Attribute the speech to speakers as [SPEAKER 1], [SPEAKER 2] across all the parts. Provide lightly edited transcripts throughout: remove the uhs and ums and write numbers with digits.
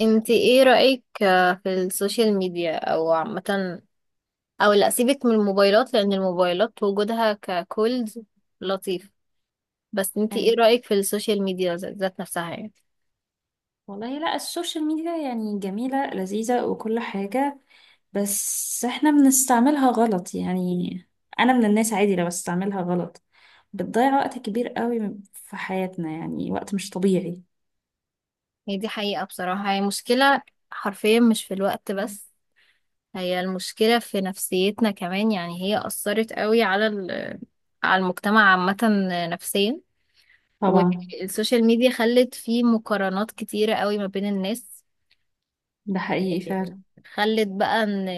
[SPEAKER 1] انت ايه رأيك في السوشيال ميديا او عامة، او لا، سيبك من الموبايلات لان الموبايلات وجودها ككولز لطيف. بس انت ايه
[SPEAKER 2] ايوه.
[SPEAKER 1] رأيك في السوشيال ميديا ذات نفسها يعني؟
[SPEAKER 2] والله لا، السوشيال ميديا يعني جميلة لذيذة وكل حاجة، بس احنا بنستعملها غلط يعني. انا من الناس عادي لو بستعملها غلط، بتضيع وقت كبير قوي في حياتنا، يعني وقت مش طبيعي.
[SPEAKER 1] هي دي حقيقة، بصراحة هي مشكلة حرفيا، مش في الوقت بس، هي المشكلة في نفسيتنا كمان. يعني هي أثرت قوي على على المجتمع عامة، نفسيا.
[SPEAKER 2] طبعا.
[SPEAKER 1] والسوشيال ميديا خلت فيه مقارنات كتيرة قوي ما بين الناس.
[SPEAKER 2] ده حقيقي فعلا.
[SPEAKER 1] خلت بقى ان،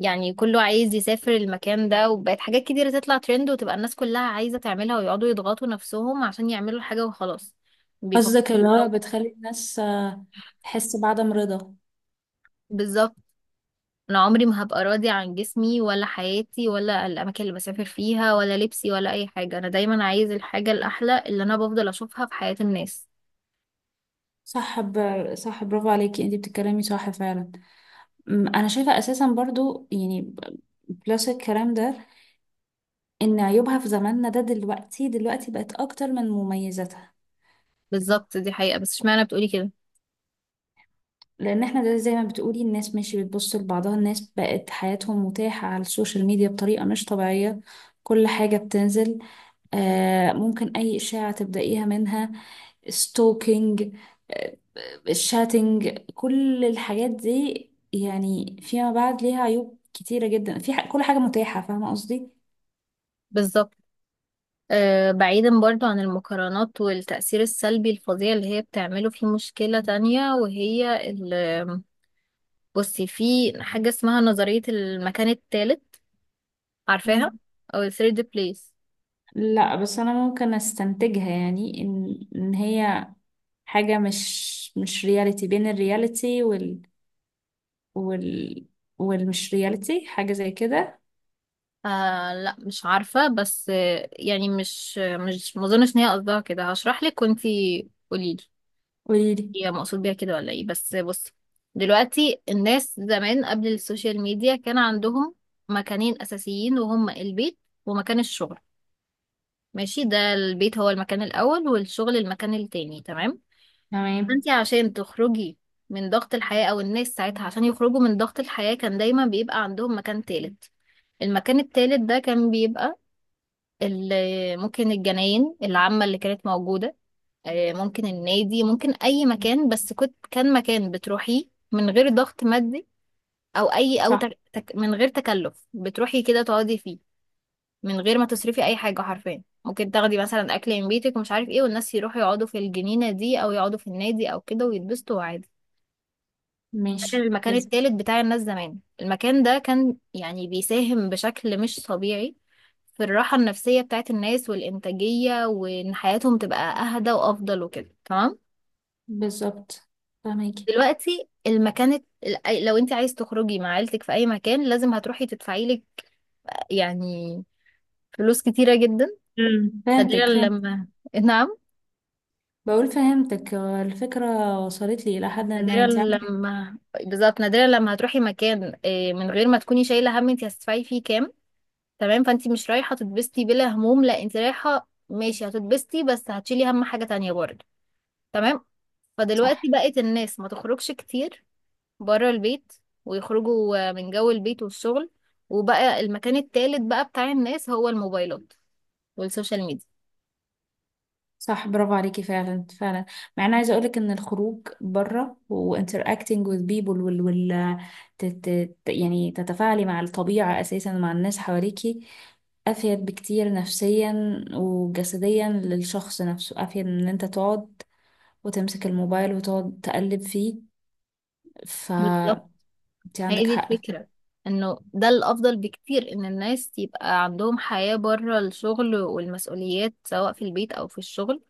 [SPEAKER 1] يعني كله عايز يسافر المكان ده، وبقت حاجات كتيرة تطلع ترند وتبقى الناس كلها عايزة تعملها، ويقعدوا يضغطوا نفسهم عشان يعملوا حاجة وخلاص. بيفكروا.
[SPEAKER 2] قصدك اللي هو
[SPEAKER 1] أو.
[SPEAKER 2] بتخلي الناس تحس بعدم رضا.
[SPEAKER 1] بالظبط. انا عمري ما هبقى راضي عن جسمي ولا حياتي ولا الاماكن اللي بسافر فيها ولا لبسي ولا اي حاجة. انا دايما عايز الحاجة الاحلى اللي انا بفضل اشوفها في حياة الناس.
[SPEAKER 2] صح ب... صح، برافو عليكي، انتي بتتكلمي صح فعلا. انا شايفة اساسا برضو يعني بلس الكلام ده، ان عيوبها في زماننا ده دلوقتي بقت اكتر من مميزاتها.
[SPEAKER 1] بالظبط، دي حقيقة. بس اشمعنى بتقولي كده؟
[SPEAKER 2] لان احنا ده زي ما بتقولي، الناس ماشي بتبص لبعضها، الناس بقت حياتهم متاحة على السوشيال ميديا بطريقة مش طبيعية. كل حاجة بتنزل. آه، ممكن اي اشاعة تبدأيها منها، ستوكينج، آه، الشاتنج، كل الحاجات دي، يعني فيما بعد ليها عيوب كتيرة جدا، في كل حاجة متاحة، فاهمة قصدي.
[SPEAKER 1] بالظبط. بعيدا برضو عن المقارنات والتأثير السلبي الفظيع اللي هي بتعمله، في مشكلة تانية وهي بصي، في حاجة اسمها نظرية المكان الثالث، عارفاها؟ أو ال third place.
[SPEAKER 2] لا بس انا ممكن استنتجها، يعني ان هي حاجة مش رياليتي، بين الرياليتي وال وال والمش رياليتي، حاجة زي كده.
[SPEAKER 1] آه، لا مش عارفة. بس يعني مش مظنش إن هي قصدها كده. هشرح لك وانتي قوليلي،
[SPEAKER 2] قوليلي.
[SPEAKER 1] هي مقصود بيها كده ولا ايه؟ بس بصي، دلوقتي الناس زمان قبل السوشيال ميديا كان عندهم مكانين أساسيين، وهما البيت ومكان الشغل. ماشي، ده البيت هو المكان الأول والشغل المكان التاني، تمام.
[SPEAKER 2] تمام.
[SPEAKER 1] انت عشان تخرجي من ضغط الحياة، او الناس ساعتها عشان يخرجوا من ضغط الحياة، كان دايما بيبقى عندهم مكان تالت. المكان التالت ده كان بيبقى ممكن الجناين العامة اللي كانت موجودة، ممكن النادي، ممكن اي مكان. بس كان مكان بتروحيه من غير ضغط مادي، او اي، او
[SPEAKER 2] صح.
[SPEAKER 1] من غير تكلف، بتروحي كده تقعدي فيه. من غير ما تصرفي اي حاجه حرفيا. ممكن تاخدي مثلا اكل من بيتك ومش عارف ايه، والناس يروحوا يقعدوا في الجنينه دي او يقعدوا في النادي او كده ويتبسطوا عادي. ده كان
[SPEAKER 2] ماشي.
[SPEAKER 1] المكان
[SPEAKER 2] لازم.
[SPEAKER 1] التالت بتاع الناس زمان. المكان ده كان يعني بيساهم بشكل مش طبيعي في الراحه النفسيه بتاعت الناس والانتاجيه، وان حياتهم تبقى اهدى وافضل وكده، تمام.
[SPEAKER 2] بالظبط. فهميكي.
[SPEAKER 1] دلوقتي لو انت عايز تخرجي مع عيلتك في اي مكان لازم هتروحي تدفعي لك، يعني، فلوس كتيره جدا.
[SPEAKER 2] امم،
[SPEAKER 1] نادرا
[SPEAKER 2] فهمتك، فهمت.
[SPEAKER 1] لما نعم.
[SPEAKER 2] بقول فهمتك، الفكرة وصلت لي إلى حد ما
[SPEAKER 1] نادرا
[SPEAKER 2] انت عاملة.
[SPEAKER 1] لما. بالظبط، نادرا لما هتروحي مكان من غير ما تكوني شايله هم انت هتدفعي فيه كام، تمام. فانت مش رايحه تتبسطي بلا هموم، لا، انت رايحه ماشي هتتبسطي بس هتشيلي هم حاجه تانية برضه، تمام.
[SPEAKER 2] صح.
[SPEAKER 1] فدلوقتي بقت الناس ما تخرجش كتير بره البيت، ويخرجوا من جو البيت والشغل. وبقى المكان التالت بقى بتاع الناس هو الموبايلات والسوشيال ميديا.
[SPEAKER 2] صح برافو عليكي فعلا فعلا. مع اني عايزه اقولك ان الخروج بره وانتراكتنج وذ بيبل وال وال يعني تتفاعلي مع الطبيعه اساسا، مع الناس حواليكي، افيد بكتير نفسيا وجسديا للشخص نفسه، افيد من ان انت تقعد وتمسك الموبايل وتقعد تقلب فيه.
[SPEAKER 1] بالظبط،
[SPEAKER 2] فانت
[SPEAKER 1] هي
[SPEAKER 2] عندك
[SPEAKER 1] دي
[SPEAKER 2] حق.
[SPEAKER 1] الفكرة. انه ده الافضل بكتير ان الناس يبقى عندهم حياة بره الشغل والمسؤوليات، سواء في البيت او في الشغل،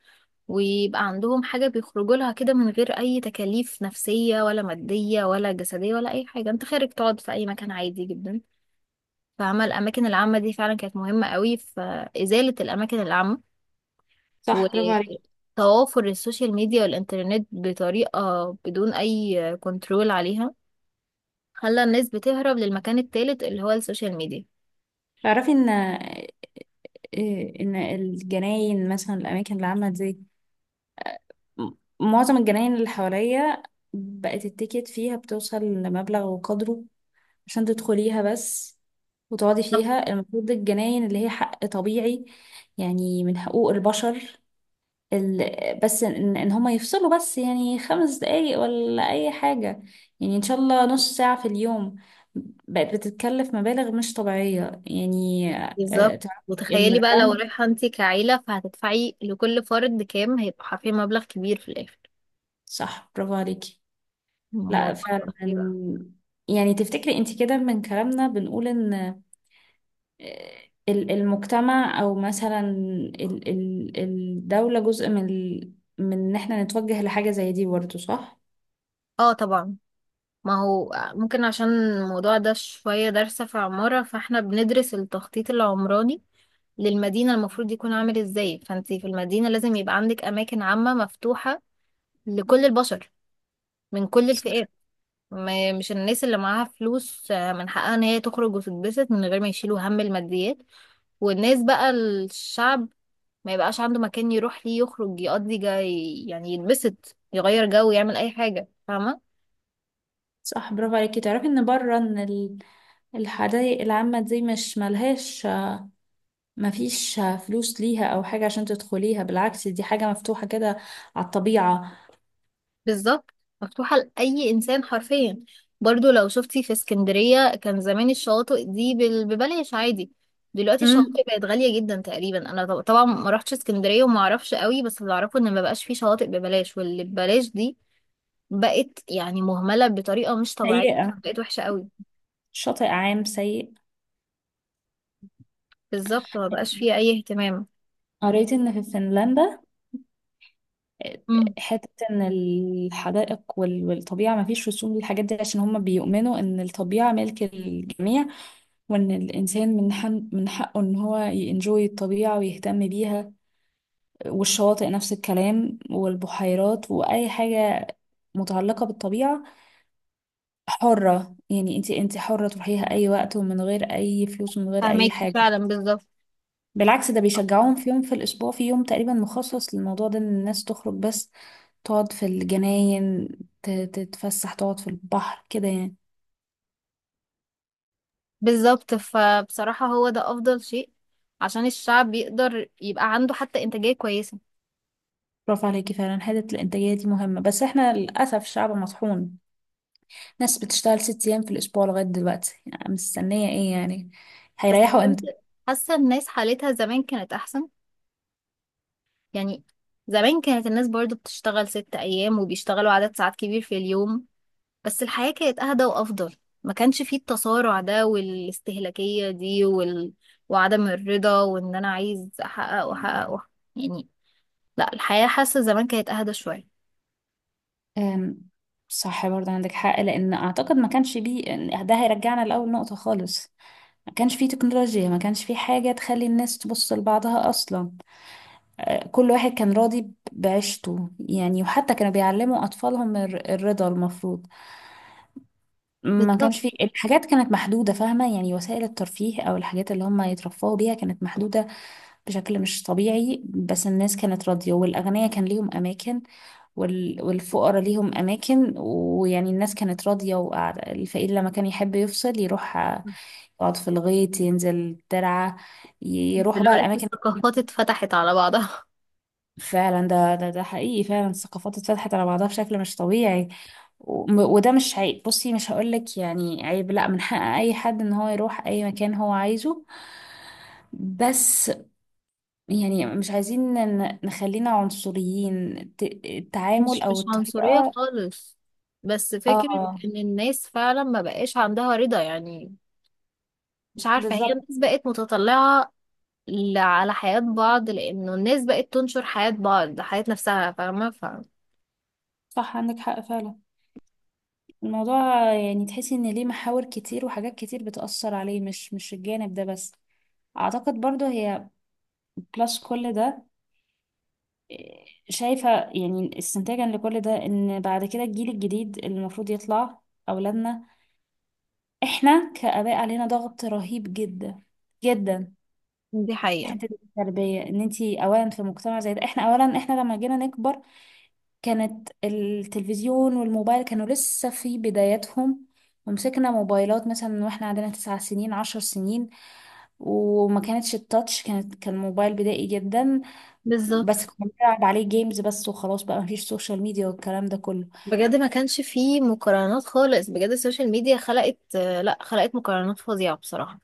[SPEAKER 1] ويبقى عندهم حاجة بيخرجوا لها كده من غير اي تكاليف نفسية ولا مادية ولا جسدية ولا اي حاجة. انت خارج تقعد في اي مكان عادي جدا. فعمل الاماكن العامة دي فعلا كانت مهمة قوي. في ازالة الاماكن العامة
[SPEAKER 2] صح برافو عليكي.
[SPEAKER 1] وتوافر السوشيال ميديا والانترنت بطريقة بدون اي كنترول عليها، خلى الناس بتهرب للمكان التالت اللي هو السوشيال ميديا.
[SPEAKER 2] تعرفي ان ان الجناين مثلا، الاماكن اللي عامله زي معظم الجناين اللي حواليا، بقت التيكت فيها بتوصل لمبلغ وقدره عشان تدخليها بس وتقعدي
[SPEAKER 1] طب.
[SPEAKER 2] فيها. المفروض الجناين اللي هي حق طبيعي، يعني من حقوق البشر. بس ان, إن هما يفصلوا بس يعني 5 دقايق ولا اي حاجة، يعني ان شاء الله نص ساعة في اليوم، بقت بتتكلف مبالغ مش طبيعية يعني.
[SPEAKER 1] بالظبط.
[SPEAKER 2] تعرفي
[SPEAKER 1] وتخيلي بقى لو
[SPEAKER 2] الميرلاند.
[SPEAKER 1] رايحة انتي كعيلة، فهتدفعي لكل فرد كام؟ هيبقى حرفيا مبلغ كبير في الآخر.
[SPEAKER 2] صح برافو عليكي. لا
[SPEAKER 1] الموضوع
[SPEAKER 2] فعلا.
[SPEAKER 1] خطير بقى.
[SPEAKER 2] يعني تفتكري انت كده، من كلامنا بنقول ان آه، المجتمع او مثلا الدولة جزء من من ان احنا نتوجه لحاجة زي دي برضه، صح؟
[SPEAKER 1] اه طبعا. ما هو ممكن، عشان الموضوع ده شوية دارسة في عمارة، فاحنا بندرس التخطيط العمراني للمدينة المفروض يكون عامل ازاي. فانتي في المدينة لازم يبقى عندك أماكن عامة مفتوحة لكل البشر من كل الفئات.
[SPEAKER 2] صح.
[SPEAKER 1] مش الناس اللي معاها فلوس من حقها ان هي تخرج وتتبسط من غير ما يشيلوا هم الماديات. والناس بقى الشعب، ما يبقاش عنده مكان يروح ليه يخرج يقضي جاي، يعني يتبسط يغير جو يعمل اي حاجة، فاهمة.
[SPEAKER 2] صح برافو عليكي. تعرفي ان بره ان الحدائق العامة دي مش ملهاش، مفيش فلوس ليها او حاجة عشان تدخليها، بالعكس دي حاجة مفتوحة كده على الطبيعة.
[SPEAKER 1] بالظبط. مفتوحة لأي إنسان حرفيا. برضو لو شفتي في اسكندرية كان زمان الشواطئ دي ببلاش عادي. دلوقتي
[SPEAKER 2] امم.
[SPEAKER 1] الشواطئ بقت غالية جدا. تقريبا انا طبعا ما رحتش اسكندرية وما اعرفش قوي، بس اللي اعرفه ان ما بقاش فيه شواطئ ببلاش، واللي ببلاش دي بقت يعني مهملة بطريقة مش طبيعية.
[SPEAKER 2] سيئة.
[SPEAKER 1] بقت وحشة قوي.
[SPEAKER 2] شاطئ عام سيء.
[SPEAKER 1] بالظبط، ما بقاش فيها أي اهتمام.
[SPEAKER 2] قريت ان في فنلندا
[SPEAKER 1] امم
[SPEAKER 2] حتة ان الحدائق والطبيعة ما فيش رسوم للحاجات دي، عشان هم بيؤمنوا ان الطبيعة ملك الجميع، وان الانسان من حقه ان هو ينجوي الطبيعة ويهتم بيها. والشواطئ نفس الكلام، والبحيرات واي حاجة متعلقة بالطبيعة، حرة. يعني انت حرة تروحيها اي وقت، ومن غير اي فلوس ومن غير اي
[SPEAKER 1] فهماكي
[SPEAKER 2] حاجة.
[SPEAKER 1] فعلا، بالظبط.
[SPEAKER 2] بالعكس ده بيشجعوهم، في يوم في الأسبوع، في يوم تقريبا مخصص للموضوع ده، إن الناس تخرج بس تقعد في الجناين، تتفسح، تقعد في البحر كده يعني.
[SPEAKER 1] بالظبط، فبصراحة هو ده أفضل شيء عشان الشعب يقدر يبقى عنده حتى إنتاجية كويسة.
[SPEAKER 2] برافو عليكي فعلا، حتة الإنتاجية دي مهمة. بس احنا للأسف شعب مطحون، ناس بتشتغل 6 أيام في الأسبوع لغاية دلوقتي يعني، مستنية ايه يعني،
[SPEAKER 1] بس
[SPEAKER 2] هيريحوا
[SPEAKER 1] بجد،
[SPEAKER 2] امتى.
[SPEAKER 1] حاسة الناس حالتها زمان كانت أحسن. يعني زمان كانت الناس برضو بتشتغل 6 أيام وبيشتغلوا عدد ساعات كبير في اليوم، بس الحياة كانت أهدى وأفضل. ما كانش فيه التصارع ده والاستهلاكية دي وعدم الرضا، وإن أنا عايز أحقق وأحقق وأحقق. يعني لا، الحياة، حاسة زمان كانت أهدى شوية.
[SPEAKER 2] أم، صح برضه عندك حق، لأن أعتقد ما كانش بيه ده هيرجعنا لأول نقطة خالص. ما كانش فيه تكنولوجيا، ما كانش فيه حاجة تخلي الناس تبص لبعضها أصلا. كل واحد كان راضي بعيشته يعني، وحتى كانوا بيعلموا أطفالهم الرضا المفروض. ما
[SPEAKER 1] بالظبط.
[SPEAKER 2] كانش في الحاجات، كانت محدودة، فاهمة يعني، وسائل الترفيه أو الحاجات اللي هم يترفهوا بيها كانت محدودة بشكل مش طبيعي. بس الناس كانت راضية، والأغنياء كان ليهم أماكن والفقراء ليهم أماكن، ويعني الناس كانت راضية وقاعدة. الفقير لما كان يحب يفصل يروح يقعد في الغيط، ينزل الترعة، يروحوا بقى
[SPEAKER 1] دلوقتي
[SPEAKER 2] الأماكن.
[SPEAKER 1] الثقافات اتفتحت على بعضها
[SPEAKER 2] فعلا ده حقيقي فعلا. الثقافات اتفتحت على بعضها بشكل مش طبيعي. وده مش عيب، بصي مش هقولك يعني عيب، لا، من حق اي حد ان هو يروح اي مكان هو عايزه. بس يعني مش عايزين نخلينا عنصريين، التعامل
[SPEAKER 1] مش
[SPEAKER 2] او
[SPEAKER 1] مش عنصرية
[SPEAKER 2] الطريقة.
[SPEAKER 1] خالص، بس فكرة
[SPEAKER 2] اه.
[SPEAKER 1] إن الناس فعلا ما بقاش عندها رضا. يعني مش عارفة، هي
[SPEAKER 2] بالظبط.
[SPEAKER 1] الناس بقت متطلعة على حياة بعض، لأنه الناس بقت تنشر حياة بعض، حياة نفسها، فاهمة؟
[SPEAKER 2] صح عندك حق فعلا. الموضوع يعني تحسي ان ليه محاور كتير وحاجات كتير بتأثر عليه، مش الجانب ده بس. اعتقد برضو هي بلس كل ده، شايفة يعني استنتاجا لكل ده ان بعد كده الجيل الجديد اللي المفروض يطلع، اولادنا، احنا كآباء علينا ضغط رهيب جدا جدا،
[SPEAKER 1] دي
[SPEAKER 2] في
[SPEAKER 1] حقيقة،
[SPEAKER 2] حتة التربية. ان انتي اولا في مجتمع زي ده، احنا اولا احنا لما جينا نكبر كانت التلفزيون والموبايل كانوا لسه في بداياتهم، ومسكنا موبايلات مثلا واحنا عندنا 9 سنين 10 سنين، وما كانتش التاتش، كانت كان موبايل بدائي جدا، بس
[SPEAKER 1] بالظبط.
[SPEAKER 2] كنا بنلعب عليه جيمز بس وخلاص، بقى مفيش سوشيال ميديا والكلام ده كله.
[SPEAKER 1] بجد ما كانش فيه مقارنات خالص. بجد السوشيال ميديا خلقت آه، لا خلقت مقارنات فظيعة بصراحة،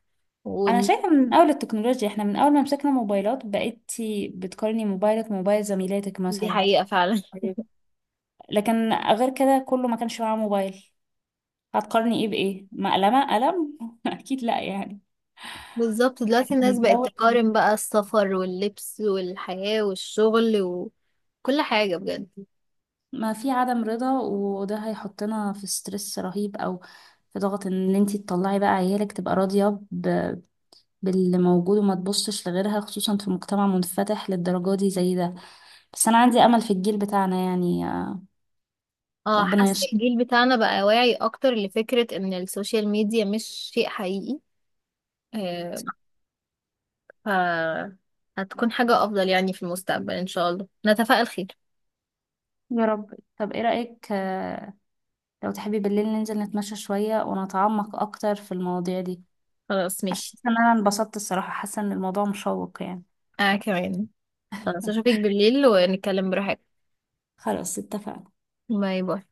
[SPEAKER 2] انا
[SPEAKER 1] ودي
[SPEAKER 2] شايفه من اول التكنولوجيا، احنا من اول ما مسكنا موبايلات بقيتي بتقارني موبايلك بموبايل زميلاتك مثلا.
[SPEAKER 1] حقيقة فعلا
[SPEAKER 2] أيوة. لكن غير كده كله ما كانش معاه موبايل، هتقارني ايه بايه، مقلمه قلم اكيد لا يعني.
[SPEAKER 1] بالظبط. دلوقتي الناس
[SPEAKER 2] من
[SPEAKER 1] بقت
[SPEAKER 2] اول
[SPEAKER 1] تقارن بقى السفر واللبس والحياة والشغل وكل حاجة بجد.
[SPEAKER 2] ما في عدم رضا، وده هيحطنا في ستريس رهيب، او في ضغط ان انتي تطلعي بقى عيالك تبقى راضيه باللي موجود وما تبصش لغيرها، خصوصا في مجتمع منفتح للدرجه دي زي ده. بس انا عندي امل في الجيل بتاعنا يعني،
[SPEAKER 1] اه،
[SPEAKER 2] ربنا
[SPEAKER 1] حاسة
[SPEAKER 2] يستر.
[SPEAKER 1] الجيل بتاعنا بقى واعي اكتر لفكرة ان السوشيال ميديا مش شيء حقيقي. آه، ف هتكون حاجة افضل يعني في المستقبل ان شاء الله، نتفائل خير.
[SPEAKER 2] يا رب. طب ايه رأيك، لو تحبي بالليل ننزل نتمشى شوية ونتعمق اكتر في المواضيع دي،
[SPEAKER 1] خلاص
[SPEAKER 2] عشان
[SPEAKER 1] ماشي.
[SPEAKER 2] حاسة ان انا انبسطت الصراحة، حاسة ان الموضوع مشوق يعني.
[SPEAKER 1] انا كمان، خلاص اشوفك بالليل ونتكلم براحتك.
[SPEAKER 2] خلاص اتفقنا.
[SPEAKER 1] باي باي.